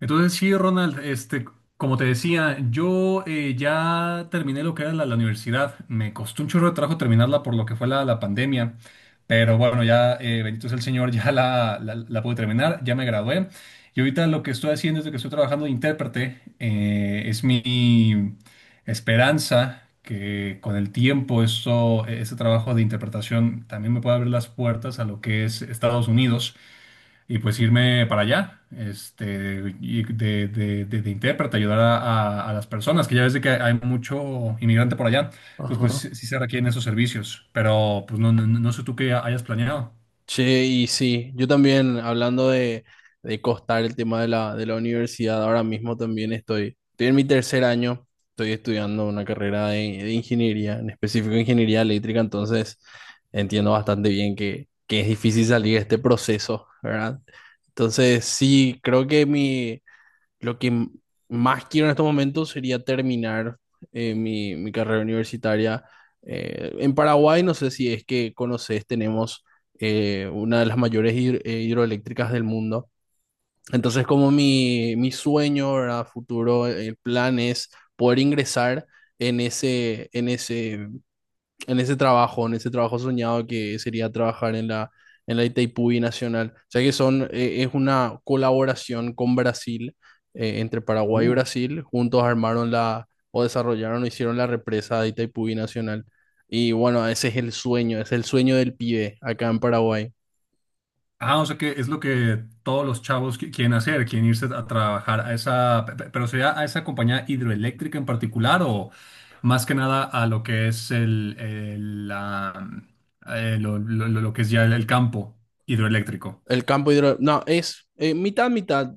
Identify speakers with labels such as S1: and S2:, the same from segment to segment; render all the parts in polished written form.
S1: Entonces, sí, Ronald, este, como te decía, yo ya terminé lo que era la universidad. Me costó un chorro de trabajo terminarla por lo que fue la pandemia. Pero bueno, ya, bendito sea el Señor, ya la pude terminar, ya me gradué. Y ahorita lo que estoy haciendo es de que estoy trabajando de intérprete. Es mi esperanza que con el tiempo eso, ese trabajo de interpretación también me pueda abrir las puertas a lo que es Estados Unidos y pues irme para allá, este, y de intérprete, ayudar a las personas, que ya ves de que hay mucho inmigrante por allá, entonces pues
S2: Ajá.
S1: sí, sí se requieren esos servicios, pero pues no sé tú qué hayas planeado.
S2: Che, y sí, yo también, hablando de costar el tema de la universidad, ahora mismo también estoy en mi tercer año, estoy estudiando una carrera de ingeniería, en específico ingeniería eléctrica, entonces entiendo bastante bien que es difícil salir de este proceso, ¿verdad? Entonces, sí, lo que más quiero en estos momentos sería terminar mi carrera universitaria. En Paraguay, no sé si es que conoces, tenemos una de las mayores hidroeléctricas del mundo. Entonces, como mi sueño, ¿verdad? Futuro, el plan es poder ingresar en ese, en ese en ese trabajo, en ese trabajo soñado que sería trabajar en la Itaipú Nacional. O sea que es una colaboración con Brasil, entre Paraguay y
S1: Uh.
S2: Brasil. Juntos armaron o desarrollaron o hicieron la represa de Itaipú Nacional. Y bueno, ese es el sueño del pibe acá en Paraguay.
S1: Ah, o sea que es lo que todos los chavos quieren hacer, quieren irse a trabajar a esa, pero sería a esa compañía hidroeléctrica en particular o más que nada a lo que es la, lo que es ya el campo hidroeléctrico.
S2: El campo hidro... No, es mitad, mitad.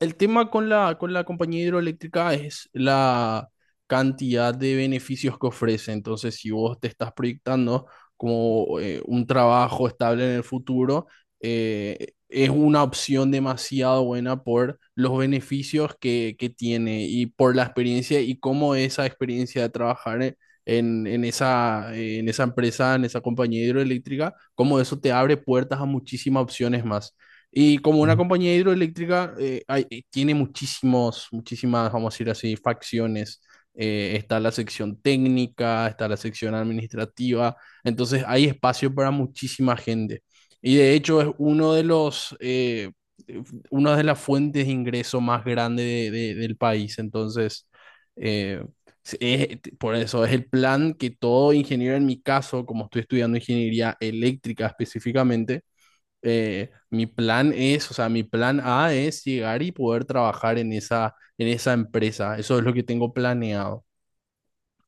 S2: El tema con la compañía hidroeléctrica es la cantidad de beneficios que ofrece. Entonces, si vos te estás proyectando como un trabajo estable en el futuro, es una opción demasiado buena por los beneficios que tiene y por la experiencia y cómo esa experiencia de trabajar en esa empresa, en esa compañía hidroeléctrica, cómo eso te abre puertas a muchísimas opciones más. Y como una compañía hidroeléctrica, tiene muchísimas, vamos a decir así, facciones. Está la sección técnica, está la sección administrativa, entonces hay espacio para muchísima gente. Y de hecho es eh, una de las fuentes de ingreso más grande del país. Entonces, eh, por eso es el plan que todo ingeniero, en mi caso, como estoy estudiando ingeniería eléctrica específicamente, mi plan es, o sea, mi plan A es llegar y poder trabajar en esa empresa. Eso es lo que tengo planeado.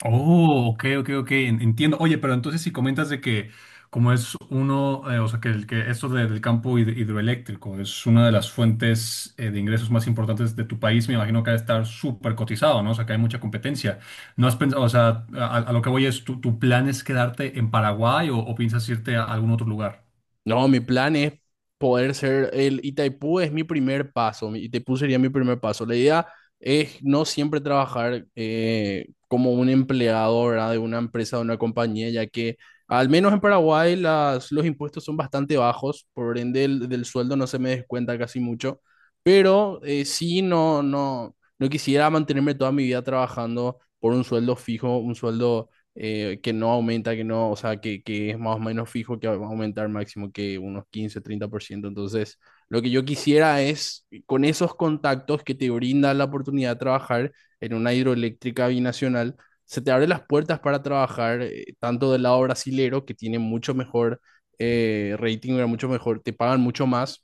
S1: Oh, ok, ok, ok, entiendo. Oye, pero entonces si comentas de que como es uno, o sea, que, que esto del campo hidroeléctrico es una de las fuentes de ingresos más importantes de tu país, me imagino que ha de estar súper cotizado, ¿no? O sea, que hay mucha competencia. ¿No has pensado, o sea, a lo que voy es, ¿tu, tu plan es quedarte en Paraguay o piensas irte a algún otro lugar?
S2: No, mi plan es poder ser el Itaipú es mi primer paso, mi Itaipú sería mi primer paso. La idea es no siempre trabajar como un empleado, ¿verdad? De una empresa, de una compañía, ya que al menos en Paraguay los impuestos son bastante bajos, por ende del sueldo no se me descuenta casi mucho, pero sí, no quisiera mantenerme toda mi vida trabajando por un sueldo fijo, un sueldo que no aumenta, que no, o sea, que es más o menos fijo que va a aumentar máximo que unos 15, 30%. Entonces, lo que yo quisiera es, con esos contactos que te brinda la oportunidad de trabajar en una hidroeléctrica binacional, se te abren las puertas para trabajar tanto del lado brasilero, que tiene mucho mejor rating, era mucho mejor, te pagan mucho más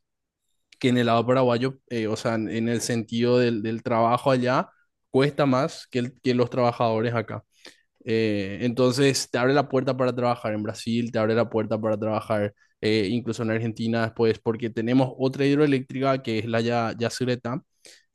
S2: que en el lado paraguayo, o sea, en el sentido del trabajo allá, cuesta más que los trabajadores acá. Entonces te abre la puerta para trabajar en Brasil, te abre la puerta para trabajar incluso en Argentina después, porque tenemos otra hidroeléctrica que es la Yacyretá,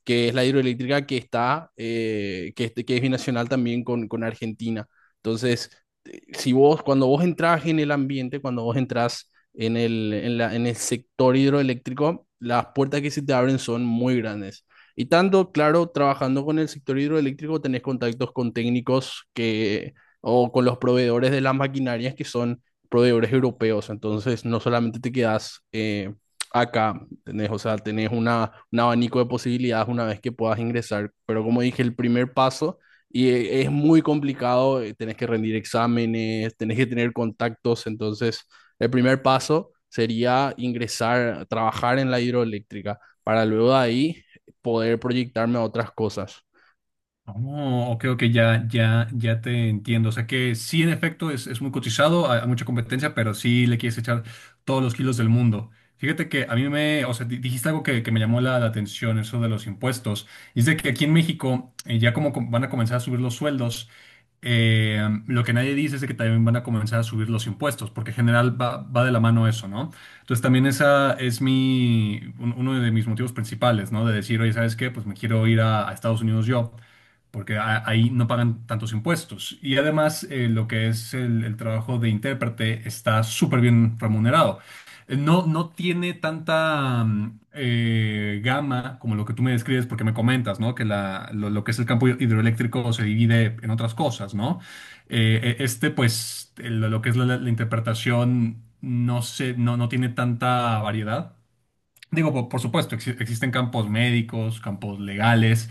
S2: que es la hidroeléctrica que es binacional también con Argentina. Entonces, si vos, cuando vos entras en el ambiente, cuando vos entras en el sector hidroeléctrico, las puertas que se te abren son muy grandes. Y tanto, claro, trabajando con el sector hidroeléctrico tenés contactos con técnicos o con los proveedores de las maquinarias que son proveedores europeos. Entonces, no solamente te quedas acá. ¿Entendés? O sea, tenés un abanico de posibilidades una vez que puedas ingresar, pero como dije, el primer paso es muy complicado, tenés que rendir exámenes, tenés que tener contactos, entonces el primer paso sería ingresar, trabajar en la hidroeléctrica para luego de ahí poder proyectarme a otras cosas.
S1: Oh, ok, ok, ya, ya, ya te entiendo. O sea que sí, en efecto, es muy cotizado, hay mucha competencia, pero sí le quieres echar todos los kilos del mundo. Fíjate que a mí me, o sea, dijiste algo que me llamó la atención, eso de los impuestos. Y es de que aquí en México, ya como van a comenzar a subir los sueldos, eh, lo que nadie dice es de que también van a comenzar a subir los impuestos, porque en general va, va de la mano eso, ¿no? Entonces también esa es mi, uno de mis motivos principales, ¿no? De decir, oye, ¿sabes qué? Pues me quiero ir a Estados Unidos yo porque ahí no pagan tantos impuestos. Y además, lo que es el trabajo de intérprete está súper bien remunerado. No, no tiene tanta gama como lo que tú me describes, porque me comentas, ¿no? Que lo que es el campo hidroeléctrico se divide en otras cosas, ¿no? Este, pues, lo que es la interpretación no se, no, no tiene tanta variedad. Digo, por supuesto, existen campos médicos, campos legales,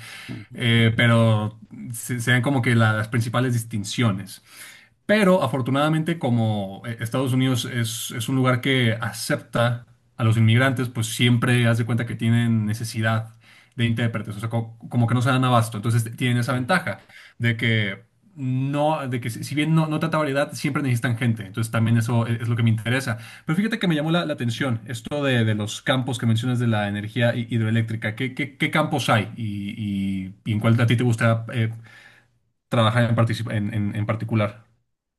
S1: pero se ven como que las principales distinciones. Pero afortunadamente, como Estados Unidos es un lugar que acepta a los inmigrantes, pues siempre haz de cuenta que tienen necesidad de intérpretes, o sea, como, que no se dan abasto. Entonces tienen esa
S2: Ujú.
S1: ventaja de que no, de que si bien no, no tanta variedad, siempre necesitan gente. Entonces también eso es, lo que me interesa. Pero fíjate que me llamó la atención esto de los campos que mencionas de la energía hidroeléctrica. ¿Qué, qué, qué campos hay y, y en cuál a ti te gusta trabajar en, en en particular?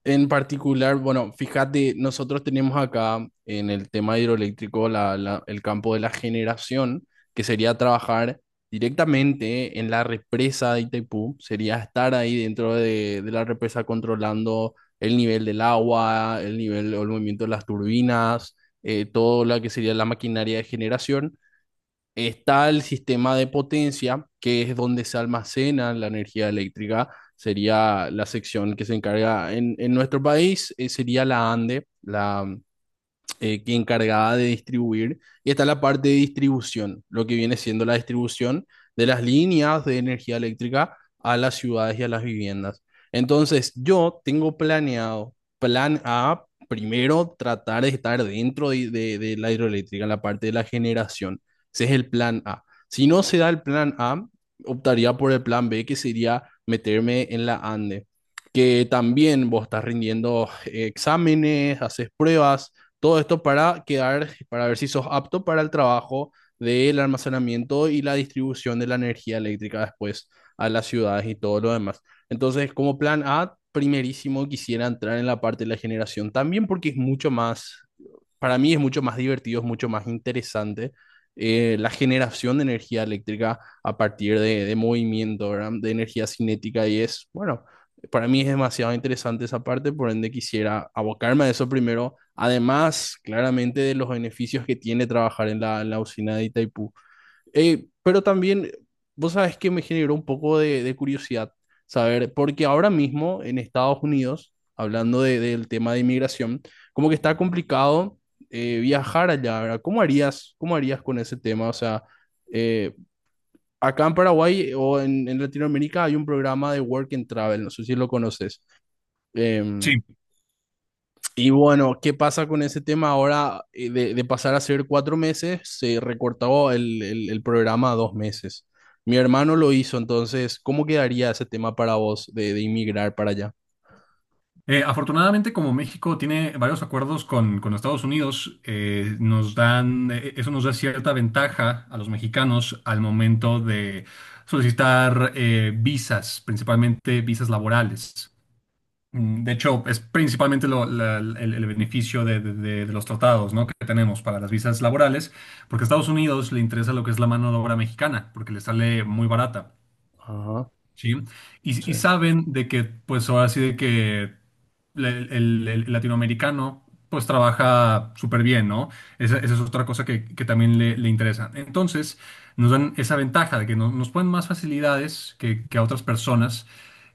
S2: En particular, bueno, fíjate, nosotros tenemos acá en el tema hidroeléctrico el campo de la generación, que sería trabajar directamente en la represa de Itaipú, sería estar ahí dentro de la represa controlando el nivel del agua, el nivel o el movimiento de las turbinas, todo lo que sería la maquinaria de generación. Está el sistema de potencia, que es donde se almacena la energía eléctrica. Sería la sección que se encarga en nuestro país, sería la ANDE, la que encargaba de distribuir. Y está la parte de distribución, lo que viene siendo la distribución de las líneas de energía eléctrica a las ciudades y a las viviendas. Entonces, yo tengo planeado, plan A, primero tratar de estar dentro de la hidroeléctrica en la parte de la generación. Ese es el plan A. Si no se da el plan A, optaría por el plan B, que sería meterme en la ANDE, que también vos estás rindiendo exámenes, haces pruebas, todo esto para quedar, para ver si sos apto para el trabajo del almacenamiento y la distribución de la energía eléctrica después a las ciudades y todo lo demás. Entonces, como plan A, primerísimo quisiera entrar en la parte de la generación también porque es mucho más, para mí es mucho más divertido, es mucho más interesante la generación de energía eléctrica a partir de movimiento, ¿verdad? De energía cinética y es, bueno, para mí es demasiado interesante esa parte, por ende quisiera abocarme a eso primero. Además, claramente de los beneficios que tiene trabajar en la usina de Itaipú. Pero también, vos sabes que me generó un poco de curiosidad saber, porque ahora mismo en Estados Unidos, hablando del tema de inmigración, como que está complicado viajar allá, ¿verdad? ¿Cómo harías con ese tema? O sea, eh, acá en Paraguay o en Latinoamérica hay un programa de Work and Travel, no sé si lo conoces. Em,
S1: Sí.
S2: y bueno, ¿qué pasa con ese tema ahora de pasar a ser 4 meses? Se recortó el programa a 2 meses. Mi hermano lo hizo, entonces, ¿cómo quedaría ese tema para vos de inmigrar para allá?
S1: Afortunadamente, como México tiene varios acuerdos con Estados Unidos, nos dan, eso nos da cierta ventaja a los mexicanos al momento de solicitar visas, principalmente visas laborales. De hecho, es principalmente el beneficio de, de los tratados, ¿no? Que tenemos para las visas laborales, porque a Estados Unidos le interesa lo que es la mano de obra mexicana, porque le sale muy barata.
S2: Ajá,
S1: ¿Sí?
S2: sí.
S1: Y saben de que, pues ahora sí de que le- el latinoamericano, pues trabaja súper bien, ¿no? Esa es otra cosa que también le interesa. Entonces, nos dan esa ventaja de que nos ponen más facilidades que a otras personas.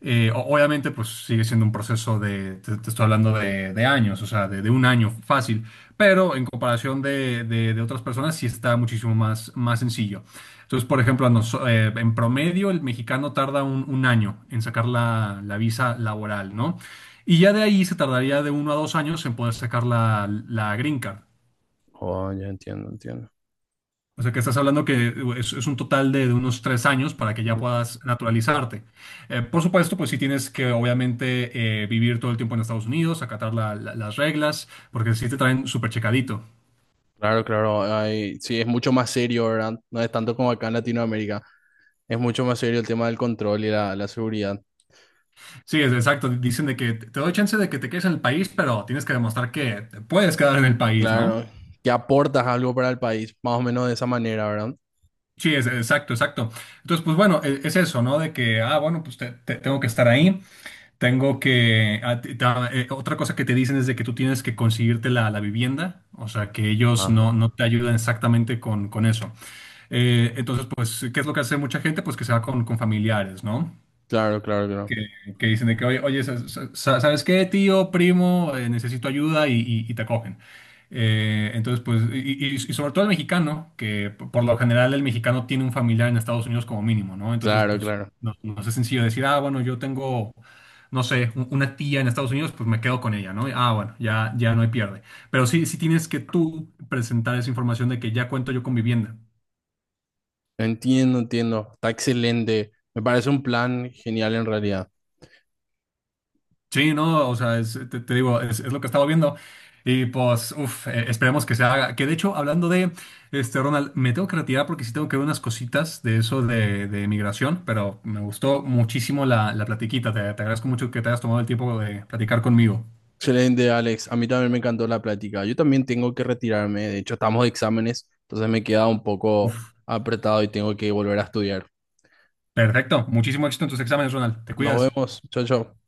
S1: Obviamente, pues sigue siendo un proceso de, te estoy hablando de años, o sea, de un año fácil, pero en comparación de, de otras personas sí está muchísimo más, más sencillo. Entonces, por ejemplo, en promedio el mexicano tarda un año en sacar la visa laboral, ¿no? Y ya de ahí se tardaría de uno a dos años en poder sacar la green card.
S2: Oh, ya entiendo, entiendo.
S1: O sea que estás hablando que es un total de unos tres años para que ya
S2: Ujú.
S1: puedas naturalizarte. Por supuesto, pues sí tienes que obviamente vivir todo el tiempo en Estados Unidos, acatar las reglas, porque sí te traen súper checadito.
S2: Claro, claro. Hay, sí, es mucho más serio, ¿verdad? No es tanto como acá en Latinoamérica. Es mucho más serio el tema del control y la seguridad.
S1: Sí, es exacto. Dicen de que te doy chance de que te quedes en el país, pero tienes que demostrar que te puedes quedar en el país, ¿no?
S2: Claro. Que aportas algo para el país, más o menos de esa manera, ¿verdad?
S1: Sí, es, exacto, exacto. Entonces, pues bueno, es, eso, ¿no? De que, ah, bueno, pues tengo que estar ahí, tengo que... ah, otra cosa que te dicen es de que tú tienes que conseguirte la vivienda, o sea, que ellos
S2: Ajá.
S1: no, no te ayudan exactamente con eso. Entonces, pues, ¿qué es lo que hace mucha gente? Pues que se va con familiares, ¿no?
S2: Claro, claro, claro.
S1: que, que dicen de que, oye, oye, ¿sabes qué, tío, primo? Necesito ayuda y, y te acogen. Entonces, pues, y, y sobre todo el mexicano, que por lo general el mexicano tiene un familiar en Estados Unidos como mínimo, ¿no? Entonces,
S2: Claro,
S1: pues,
S2: claro.
S1: no, no es sencillo decir, ah, bueno, yo tengo, no sé, una tía en Estados Unidos, pues me quedo con ella, ¿no? Ah, bueno, ya, ya no hay pierde. Pero sí, sí tienes que tú presentar esa información de que ya cuento yo con vivienda.
S2: Entiendo, entiendo. Está excelente. Me parece un plan genial en realidad.
S1: Sí, no, o sea, te, te digo, es lo que estaba viendo. Y pues, uff, esperemos que se haga. Que de hecho, hablando de, este, Ronald, me tengo que retirar porque sí tengo que ver unas cositas de eso de migración, pero me gustó muchísimo la platiquita. Te agradezco mucho que te hayas tomado el tiempo de platicar conmigo.
S2: Excelente, Alex. A mí también me encantó la plática. Yo también tengo que retirarme. De hecho, estamos de exámenes, entonces me queda un poco
S1: Uf,
S2: apretado y tengo que volver a estudiar.
S1: perfecto. Muchísimo éxito en tus exámenes, Ronald. Te
S2: Nos
S1: cuidas.
S2: vemos. Chao, chao.